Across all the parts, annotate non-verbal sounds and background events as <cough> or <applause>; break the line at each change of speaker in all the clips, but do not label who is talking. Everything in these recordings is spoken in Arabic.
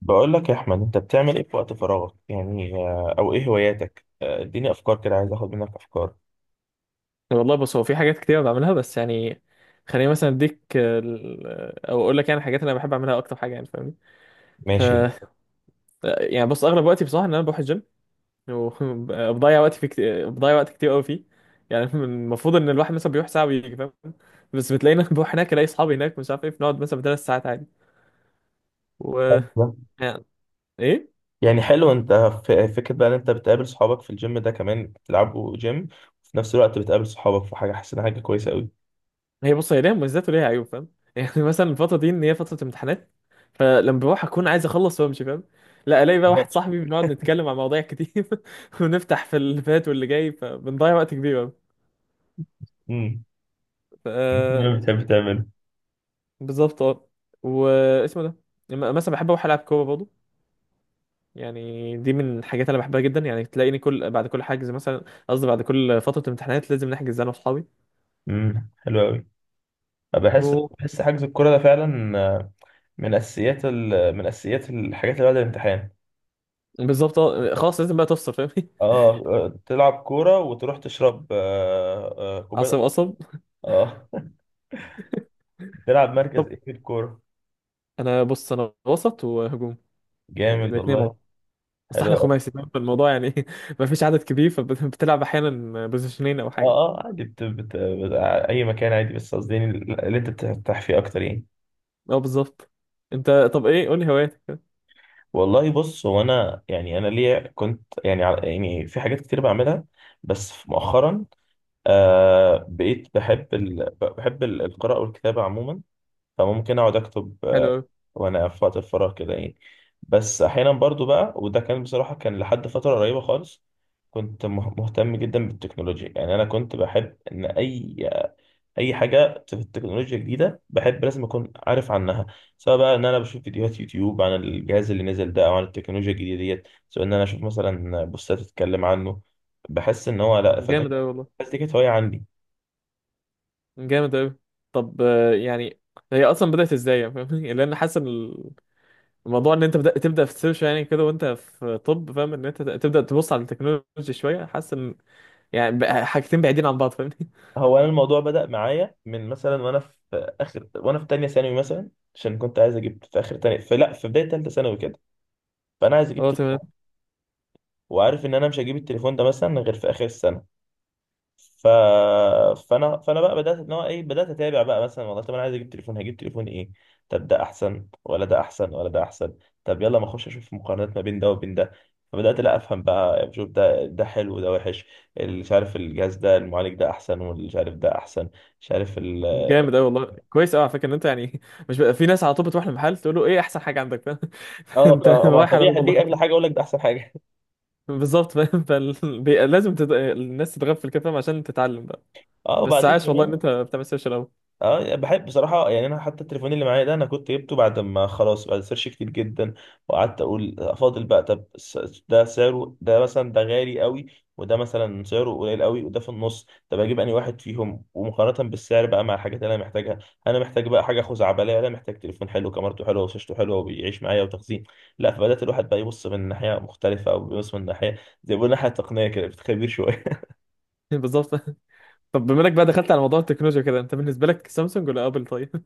بقول لك يا احمد، انت بتعمل ايه في وقت فراغك يعني؟ او ايه هواياتك؟ اديني افكار كده، عايز اخد منك افكار.
والله بص، هو في حاجات كتير بعملها بس يعني خليني مثلا اديك ال- او اقول لك يعني الحاجات اللي انا بحب اعملها اكتر حاجه يعني فاهمني. ف
ماشي.
يعني بص، اغلب وقتي بصراحه ان انا بروح الجيم وبضيع <laughs> بضيع وقت كتير قوي فيه. يعني <laughs> المفروض ان الواحد مثلا بيروح ساعه ويجي فاهم. بس بتلاقينا <laughs> بروح هناك الاقي اصحابي هناك مش عارف ايه، بنقعد مثلا بثلاث ساعات عادي. و
حلو.
يعني ايه
يعني حلو. انت في فكرة بقى، ان انت بتقابل صحابك في الجيم ده كمان بتلعبوا جيم، وفي نفس الوقت بتقابل صحابك في حاجة، حاسس انها حاجة كويسة قوي.
هي بص، هي ليها مميزات وليها عيوب فاهم. <laughs> يعني مثلا الفتره دي ان هي فتره امتحانات، فلما بروح اكون عايز اخلص وامشي فاهم. لا، الاقي بقى
بالظبط.
واحد صاحبي بنقعد نتكلم عن مواضيع كتير <laughs> ونفتح في اللي فات واللي جاي، فبنضيع وقت كبير أوي.
امم
ف
<laughs> ما بتحب تعمله.
بالظبط اه. واسمه ده مثلا بحب اروح العب كوره برضه. يعني دي من الحاجات اللي انا بحبها جدا، يعني تلاقيني كل بعد كل حجز مثلا قصدي بعد كل فتره امتحانات لازم نحجز انا واصحابي.
حلو قوي. بحس
و-
بحس حجز الكورة ده فعلا، من اساسيات الحاجات اللي بعد الامتحان.
بالظبط اه، خلاص لازم بقى تفصل فاهمني.
اه، تلعب كورة وتروح تشرب
<laughs> عصب
كوباية.
عصب.
اه. بتلعب مركز
طب
ايه في الكورة؟
انا وسط وهجوم، يعني
جامد
الاثنين مع
والله.
بعض. بس
حلو
احنا
أوي.
خماسي فاهم؟ فالموضوع يعني <laughs> ما فيش عدد كبير، فبتلعب احيانا بوزيشنين او
اه.
حاجه.
اه، عادي، اي مكان عادي، بس قصدي يعني اللي انت بترتاح فيه اكتر يعني.
اه بالظبط. انت طب ايه قول لي هواياتك؟
والله بص، هو انا يعني، انا ليا كنت يعني يعني في حاجات كتير بعملها، بس مؤخرا بقيت بحب القراءة والكتابة عموما. فممكن اقعد اكتب،
حلو قوي.
وانا في وقت الفراغ كده يعني. بس احيانا برضو بقى، وده كان بصراحة كان لحد فترة قريبة خالص، كنت مهتم جدا بالتكنولوجيا. يعني انا كنت بحب ان اي حاجة في التكنولوجيا جديدة بحب، لازم اكون عارف عنها، سواء بقى ان انا بشوف فيديوهات يوتيوب عن الجهاز اللي نزل ده، او عن التكنولوجيا الجديدة ديت، سواء ان انا اشوف مثلا بوستات تتكلم عنه. بحس ان هو، لا، فده.
جامد قوي والله.
بس دي كانت هواية عندي.
جامد قوي. طب آه، يعني هي اصلا بدات ازاي فاهمني؟ <laughs> لان حاسس إن الموضوع ان انت بدأت تبدا في السيرش يعني كده وانت في طب فاهم، ان انت تبدا تبص على التكنولوجي شويه، حاسس ان يعني بقى حاجتين بعيدين عن بعض فاهمني.
هو انا الموضوع بدأ معايا من مثلا، وانا في اخر، وانا في تانية ثانوي مثلا، عشان كنت عايز اجيب في اخر تانية، فلا في بداية تالتة ثانوي كده، فانا عايز اجيب
اه تمام.
تليفون. وعارف ان انا مش هجيب التليفون ده مثلا غير في اخر السنة. ف... فانا فانا بقى بدأت، ان هو ايه، بدأت اتابع بقى. مثلا والله، طب انا عايز اجيب تليفون، هجيب تليفون ايه؟ طب ده احسن ولا ده احسن ولا ده احسن؟ طب يلا، ما اخش اشوف مقارنات ما بين ده وبين ده. فبدأت، لا، افهم بقى، بشوف ده ده حلو وده وحش. اللي مش عارف الجهاز ده المعالج ده احسن، واللي مش عارف ده احسن، مش عارف.
جامد قوي والله، كويس قوي على فكره ان انت يعني <laughs> مش بقى في ناس على طول بتروح المحل تقول له ايه احسن حاجه عندك فاهم. <laughs>
اه،
انت
فما
رايح على
طبيعي
باب الله
هديك اغلى حاجه،
كده.
اقول لك ده احسن حاجه.
بالظبط فاهم. <laughs> لازم الناس تتغفل كده فاهم عشان تتعلم بقى.
<laughs> اه،
بس
وبعدين
عاش والله ان
كمان.
انت بتعمل سيرش قوي.
اه يعني بحب بصراحه، يعني انا حتى التليفون اللي معايا ده، انا كنت جبته بعد ما خلاص، بعد سيرش كتير جدا. وقعدت اقول افاضل بقى، طب، ده سعره ده مثلا ده غالي قوي، وده مثلا سعره قليل قوي، وده في النص، طب اجيب انهي واحد فيهم، ومقارنه بالسعر بقى مع الحاجات اللي انا محتاجها. انا محتاج بقى حاجه خزعبليه، انا محتاج تليفون حلو كاميرته حلوه وشاشته حلوه وبيعيش معايا وتخزين، لا، فبدات الواحد بقى يبص من ناحيه مختلفه، او بيبص من ناحيه، زي ما بيقولوا، ناحيه تقنيه كده، بتخبير شويه.
<laughs> بالظبط. طب بما انك بقى دخلت على موضوع التكنولوجيا كده، انت بالنسبه لك سامسونج ولا ابل طيب؟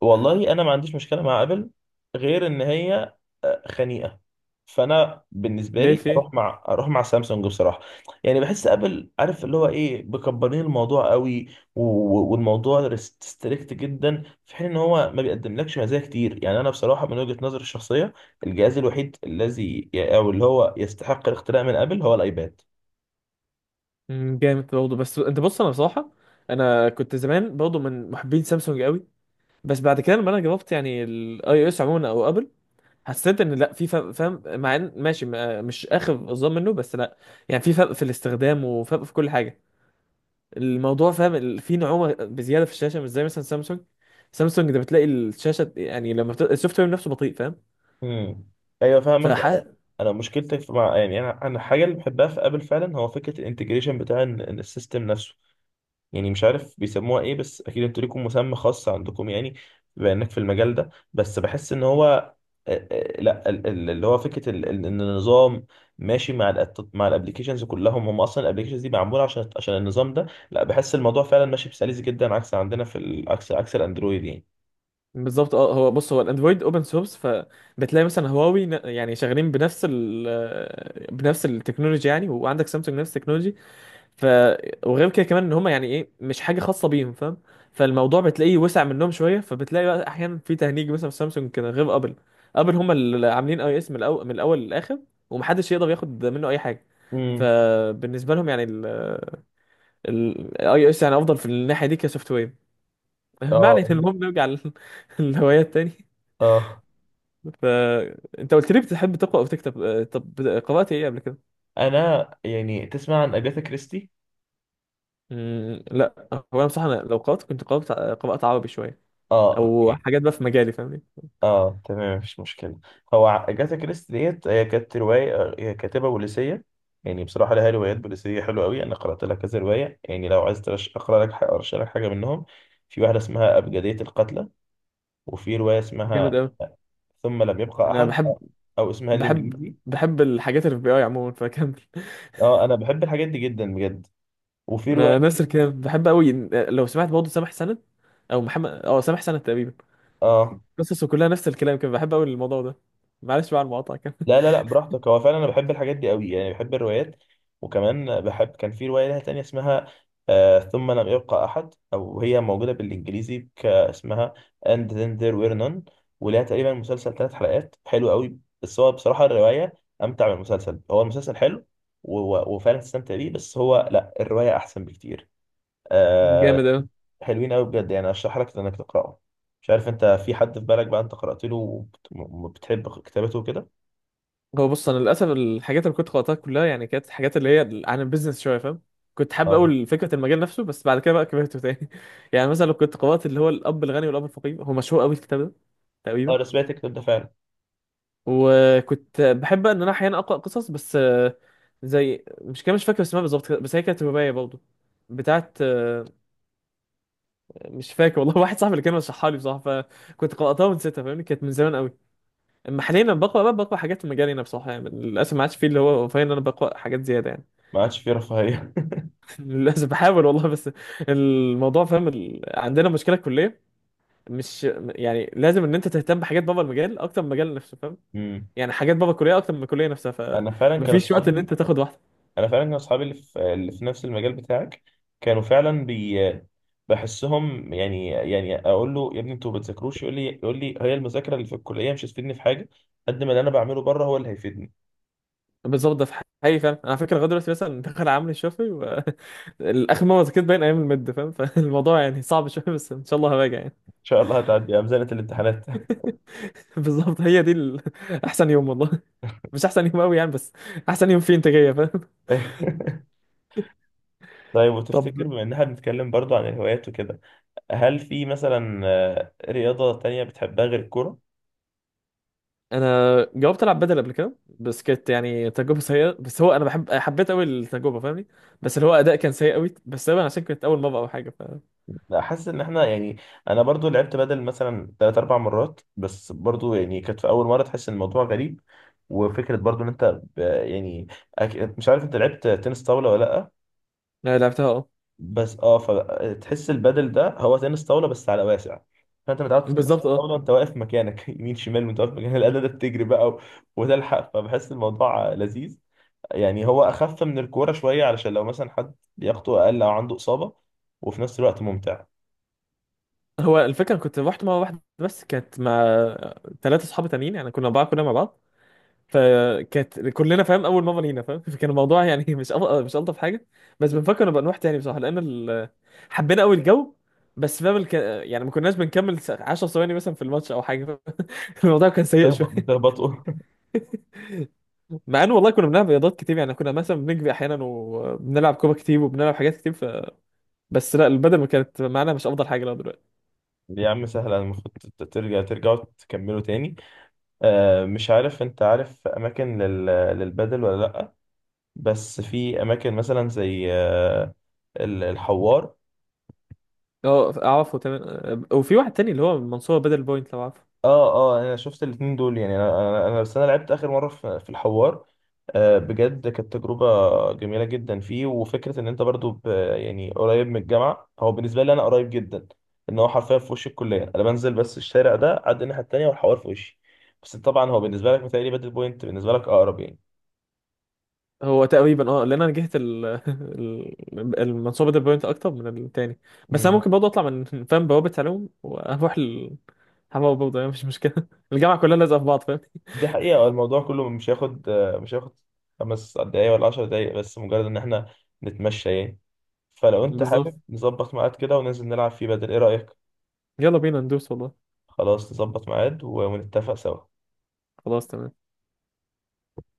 والله انا ما عنديش مشكله مع ابل، غير ان هي، خنيقه. فانا
<laughs>
بالنسبه
ليه
لي
في
اروح مع سامسونج بصراحه. يعني بحس ابل، عارف اللي هو ايه، مكبرين الموضوع قوي. والموضوع ريستريكت جدا، في حين ان هو ما بيقدملكش مزايا كتير. يعني انا بصراحه، من وجهه نظري الشخصيه، الجهاز الوحيد الذي، او اللي هو، يستحق الاختراع من ابل هو الايباد.
مم، جامد برضه. بس انت بص، انا بصراحه انا كنت زمان برضه من محبين سامسونج قوي، بس بعد كده لما انا جربت يعني الاي او اس عموما او ابل حسيت ان لا، في فرق فاهم، مع ان ماشي مش اخر الظلم منه، بس لا، يعني في فرق في الاستخدام وفرق في كل حاجه. الموضوع فاهم في نعومه بزياده في الشاشه مش زي مثلا سامسونج. سامسونج ده بتلاقي الشاشه يعني لما السوفت وير نفسه بطيء فاهم.
امم، ايوه، فاهمك.
فح
انا مشكلتي في، مع، يعني انا الحاجه اللي بحبها في ابل فعلا هو فكره الانتجريشن بتاع السيستم نفسه. يعني مش عارف بيسموها ايه، بس اكيد انتوا ليكم مسمى خاص عندكم يعني، بما انك في المجال ده. بس بحس ان هو، لا، اللي هو فكره ان النظام ماشي مع مع الابلكيشنز كلهم، هم اصلا الابلكيشنز دي معموله عشان النظام ده. لا، بحس الموضوع فعلا ماشي بسلاسه جدا، عكس عندنا في ال- عكس عكس الاندرويد يعني.
بالظبط اه. هو بص، هو الاندرويد اوبن سورس، فبتلاقي مثلا هواوي يعني شغالين بنفس التكنولوجيا، يعني وعندك سامسونج نفس التكنولوجي. ف وغير كده كمان ان هم يعني ايه مش حاجه خاصه بيهم فاهم. فالموضوع بتلاقيه وسع منهم شويه، فبتلاقي بقى احيانا في تهنيج مثلا في سامسونج كده غير ابل. ابل هم اللي عاملين اي اس من الاول للاخر، ومحدش يقدر ياخد منه اي حاجه.
امم،
فبالنسبه لهم يعني الاي او اس يعني افضل في الناحيه دي كسوفت وير. <laughs>
اه،
معنى ان المهم نرجع <laughs> للهوايات تاني.
اه،
فانت قلت لي بتحب تقرا او تكتب آه، طب قرات ايه قبل كده؟
انا يعني، تسمع عن اجاثا كريستي؟
مم، لا. هو انا بصراحه أنا لو قرات كنت قرات عربي شويه،
اه،
او
اوكي.
حاجات بقى في مجالي فاهمني.
اه، تمام، مفيش مشكلة. هو أجاثا كريستي ديت، هي كانت رواية، هي كاتبة بوليسية. يعني بصراحة لها روايات بوليسية حلوة أوي، أنا قرأت لها كذا رواية. يعني لو عايز أقرأ لك حاجة، أرشح لك حاجة منهم. في واحدة اسمها أبجدية القتلى، وفي رواية
جامد
اسمها
قوي.
ثم لم يبقى
انا
أحد، أو اسمها
بحب
الإنجليزي.
بحب الحاجات اللي في بي اي عموما، فكمل.
اه، أنا بحب الحاجات دي جدا بجد. وفي رواية.
انا نفس الكلام، بحب قوي. لو سمعت برضه سامح سند، او محمد اه سامح سند تقريبا،
اه،
قصصه كلها نفس الكلام كده، بحب قوي الموضوع ده. معلش بقى على المقاطعه كده.
لا، لا، لا، براحتك. هو فعلا انا بحب الحاجات دي قوي، يعني بحب الروايات. وكمان بحب، كان في روايه لها تانية اسمها، ثم لم يبقى احد، او هي موجوده بالانجليزي، اسمها and then there were none. ولها تقريبا مسلسل ثلاث حلقات حلو قوي، بس هو بصراحه الروايه امتع من المسلسل. هو المسلسل حلو وفعلا تستمتع بيه، بس هو لا، الروايه احسن بكتير.
<laughs>
آه
جامد قوي.
حلوين قوي بجد، يعني ارشح لك انك تقراه. مش عارف انت في حد في بالك بقى انت قرات له وبتحب كتابته كده.
هو بص انا للاسف الحاجات اللي كنت قرأتها كلها يعني كانت حاجات اللي هي عن البيزنس شويه فاهم. كنت حابب اقول فكره المجال نفسه بس بعد كده بقى كبرته تاني. <laughs> يعني مثلا لو كنت قرأت اللي هو الاب الغني والاب الفقير، هو مشهور قوي الكتاب ده
اه،
تقريبا.
انا سمعت الكلام ده فعلا.
وكنت بحب ان انا احيانا اقرا قصص بس آه، زي مش كده مش فاكر اسمها بالظبط، بس هي كانت روايه برضه بتاعت آه، مش فاكر والله. <laughs> واحد صاحبي اللي كان رشحها لي بصراحه، فكنت قراتها ونسيتها فاهمني، كانت من زمان قوي. اما حاليا لما بقرا بقى بقرا حاجات في مجالي انا بصراحه، يعني للاسف ما عادش فيه اللي هو فاهم ان انا بقرا حاجات زياده يعني.
ما عادش فيه رفاهيه.
<laughs> للاسف بحاول والله، بس الموضوع فاهم عندنا مشكله كليه، مش يعني لازم ان انت تهتم بحاجات بابا المجال اكتر من المجال نفسه فاهم.
<laughs> امم
يعني حاجات بابا الكليه اكتر من الكليه نفسها،
انا فعلا كان
فمفيش وقت ان
اصحابي،
انت تاخد واحده.
اللي في نفس المجال بتاعك كانوا فعلا، بحسهم، يعني اقول له يا ابني انتوا ما بتذاكروش؟ يقول لي هي المذاكره اللي في الكليه مش هتفيدني في حاجه، قد ما اللي انا بعمله بره هو اللي هيفيدني. ان
بالظبط ده في حقيقي فاهم. انا على فكره لغايه دلوقتي مثلا دخل عامل الشافعي <laughs> الاخر مره ذاكرت باين ايام المد فاهم. <laughs> فالموضوع يعني صعب شويه، بس ان شاء الله هراجع يعني.
شاء الله هتعدي يا مزنه الامتحانات.
<laughs> بالظبط، هي دي <laughs> احسن يوم والله. <laughs> مش احسن يوم قوي يعني، بس احسن يوم فيه انتاجيه فاهم. <laughs>
<laughs> طيب،
طب
وتفتكر، بما ان احنا بنتكلم برضو عن الهوايات وكده، هل في مثلا رياضه تانية بتحبها غير الكوره؟
انا جربت العب بدل قبل كده، بس كانت يعني تجربه سيئه، بس هو انا حبيت قوي التجربه فاهمني، بس اللي هو اداء كان سيء قوي، بس تقريبا عشان كانت اول مره او حاجه.
لا، حاسس ان احنا يعني، انا برضو لعبت بدل مثلا تلات اربع مرات، بس برضو يعني كانت في اول مره، تحس ان الموضوع غريب. وفكره برضو ان انت، يعني مش عارف انت لعبت تنس طاوله ولا لا؟
أنا لعبتها اه.
بس اه، فتحس البدل ده هو تنس طاوله بس على واسع. فانت متعود في تنس
بالظبط اه.
الطاوله انت واقف مكانك، <laughs> يمين شمال، وانت واقف مكانك، الاداه ده بتجري بقى وتلحق، فبحس الموضوع لذيذ. يعني هو اخف من الكوره شويه، علشان لو مثلا حد لياقته اقل او عنده اصابه، وفي نفس الوقت ممتع.
هو الفكره كنت رحت مره واحده بس كانت مع ثلاثه اصحاب تانيين، يعني كنا اربعه كلنا مع بعض، فكانت كلنا فاهم اول مره لينا فاهم. <laughs> فكان الموضوع يعني <laughs> مش الطف حاجه. بس بنفكر نبقى نروح تاني بصراحه لان حبينا قوي الجو. بس فاهم يعني ما كناش بنكمل 10 ثواني مثلا في الماتش او حاجه. <laughs> الموضوع كان سيء شويه.
بتهبطوا؟ <laughs>
<laughs> مع ان والله كنا بنلعب رياضات كتير يعني، كنا مثلا بنجري احيانا وبنلعب كوره كتير وبنلعب حاجات كتير بس لا، البدل ما كانت معانا مش افضل حاجه لو دلوقتي.
يا عم سهلة، المفروض ترجعوا تكملوا تاني. مش عارف انت عارف اماكن للبدل ولا لأ؟ بس في اماكن مثلا زي الحوار.
اه اعرفه تمام، وفي واحد تاني اللي هو منصور بدل بوينت لو عارفه.
اه، اه، انا شفت الاتنين دول، يعني بس انا لعبت اخر مره في الحوار. بجد كانت تجربه جميله جدا فيه، وفكره ان انت برضو، يعني قريب من الجامعه. هو بالنسبه لي انا قريب جدا، ان هو حرفيا في وش الكليه، انا بنزل بس الشارع ده عدى الناحيه التانيه والحوار في وشي. بس طبعا هو بالنسبه لك متهيألي بدل بوينت بالنسبه لك اقرب يعني.
هو تقريبا اه، لان انا جهت <laughs> المنصوبه دي بوينت اكتر من التاني، بس انا
امم
ممكن برضه اطلع من <laughs> فاهم بوابه علوم واروح حماوة <laughs> برضه يعني مش مشكله. <laughs> الجامعه كلها لازقه في بعض فاهم.
دي حقيقه، الموضوع كله مش هياخد، 5 دقايق ولا 10 دقايق، بس مجرد ان احنا نتمشى يعني. فلو انت حابب
بالظبط.
نظبط ميعاد كده وننزل نلعب فيه بدل، ايه رأيك؟
يلا بينا ندوس والله.
خلاص، نظبط ميعاد ونتفق سوا.
خلاص تمام.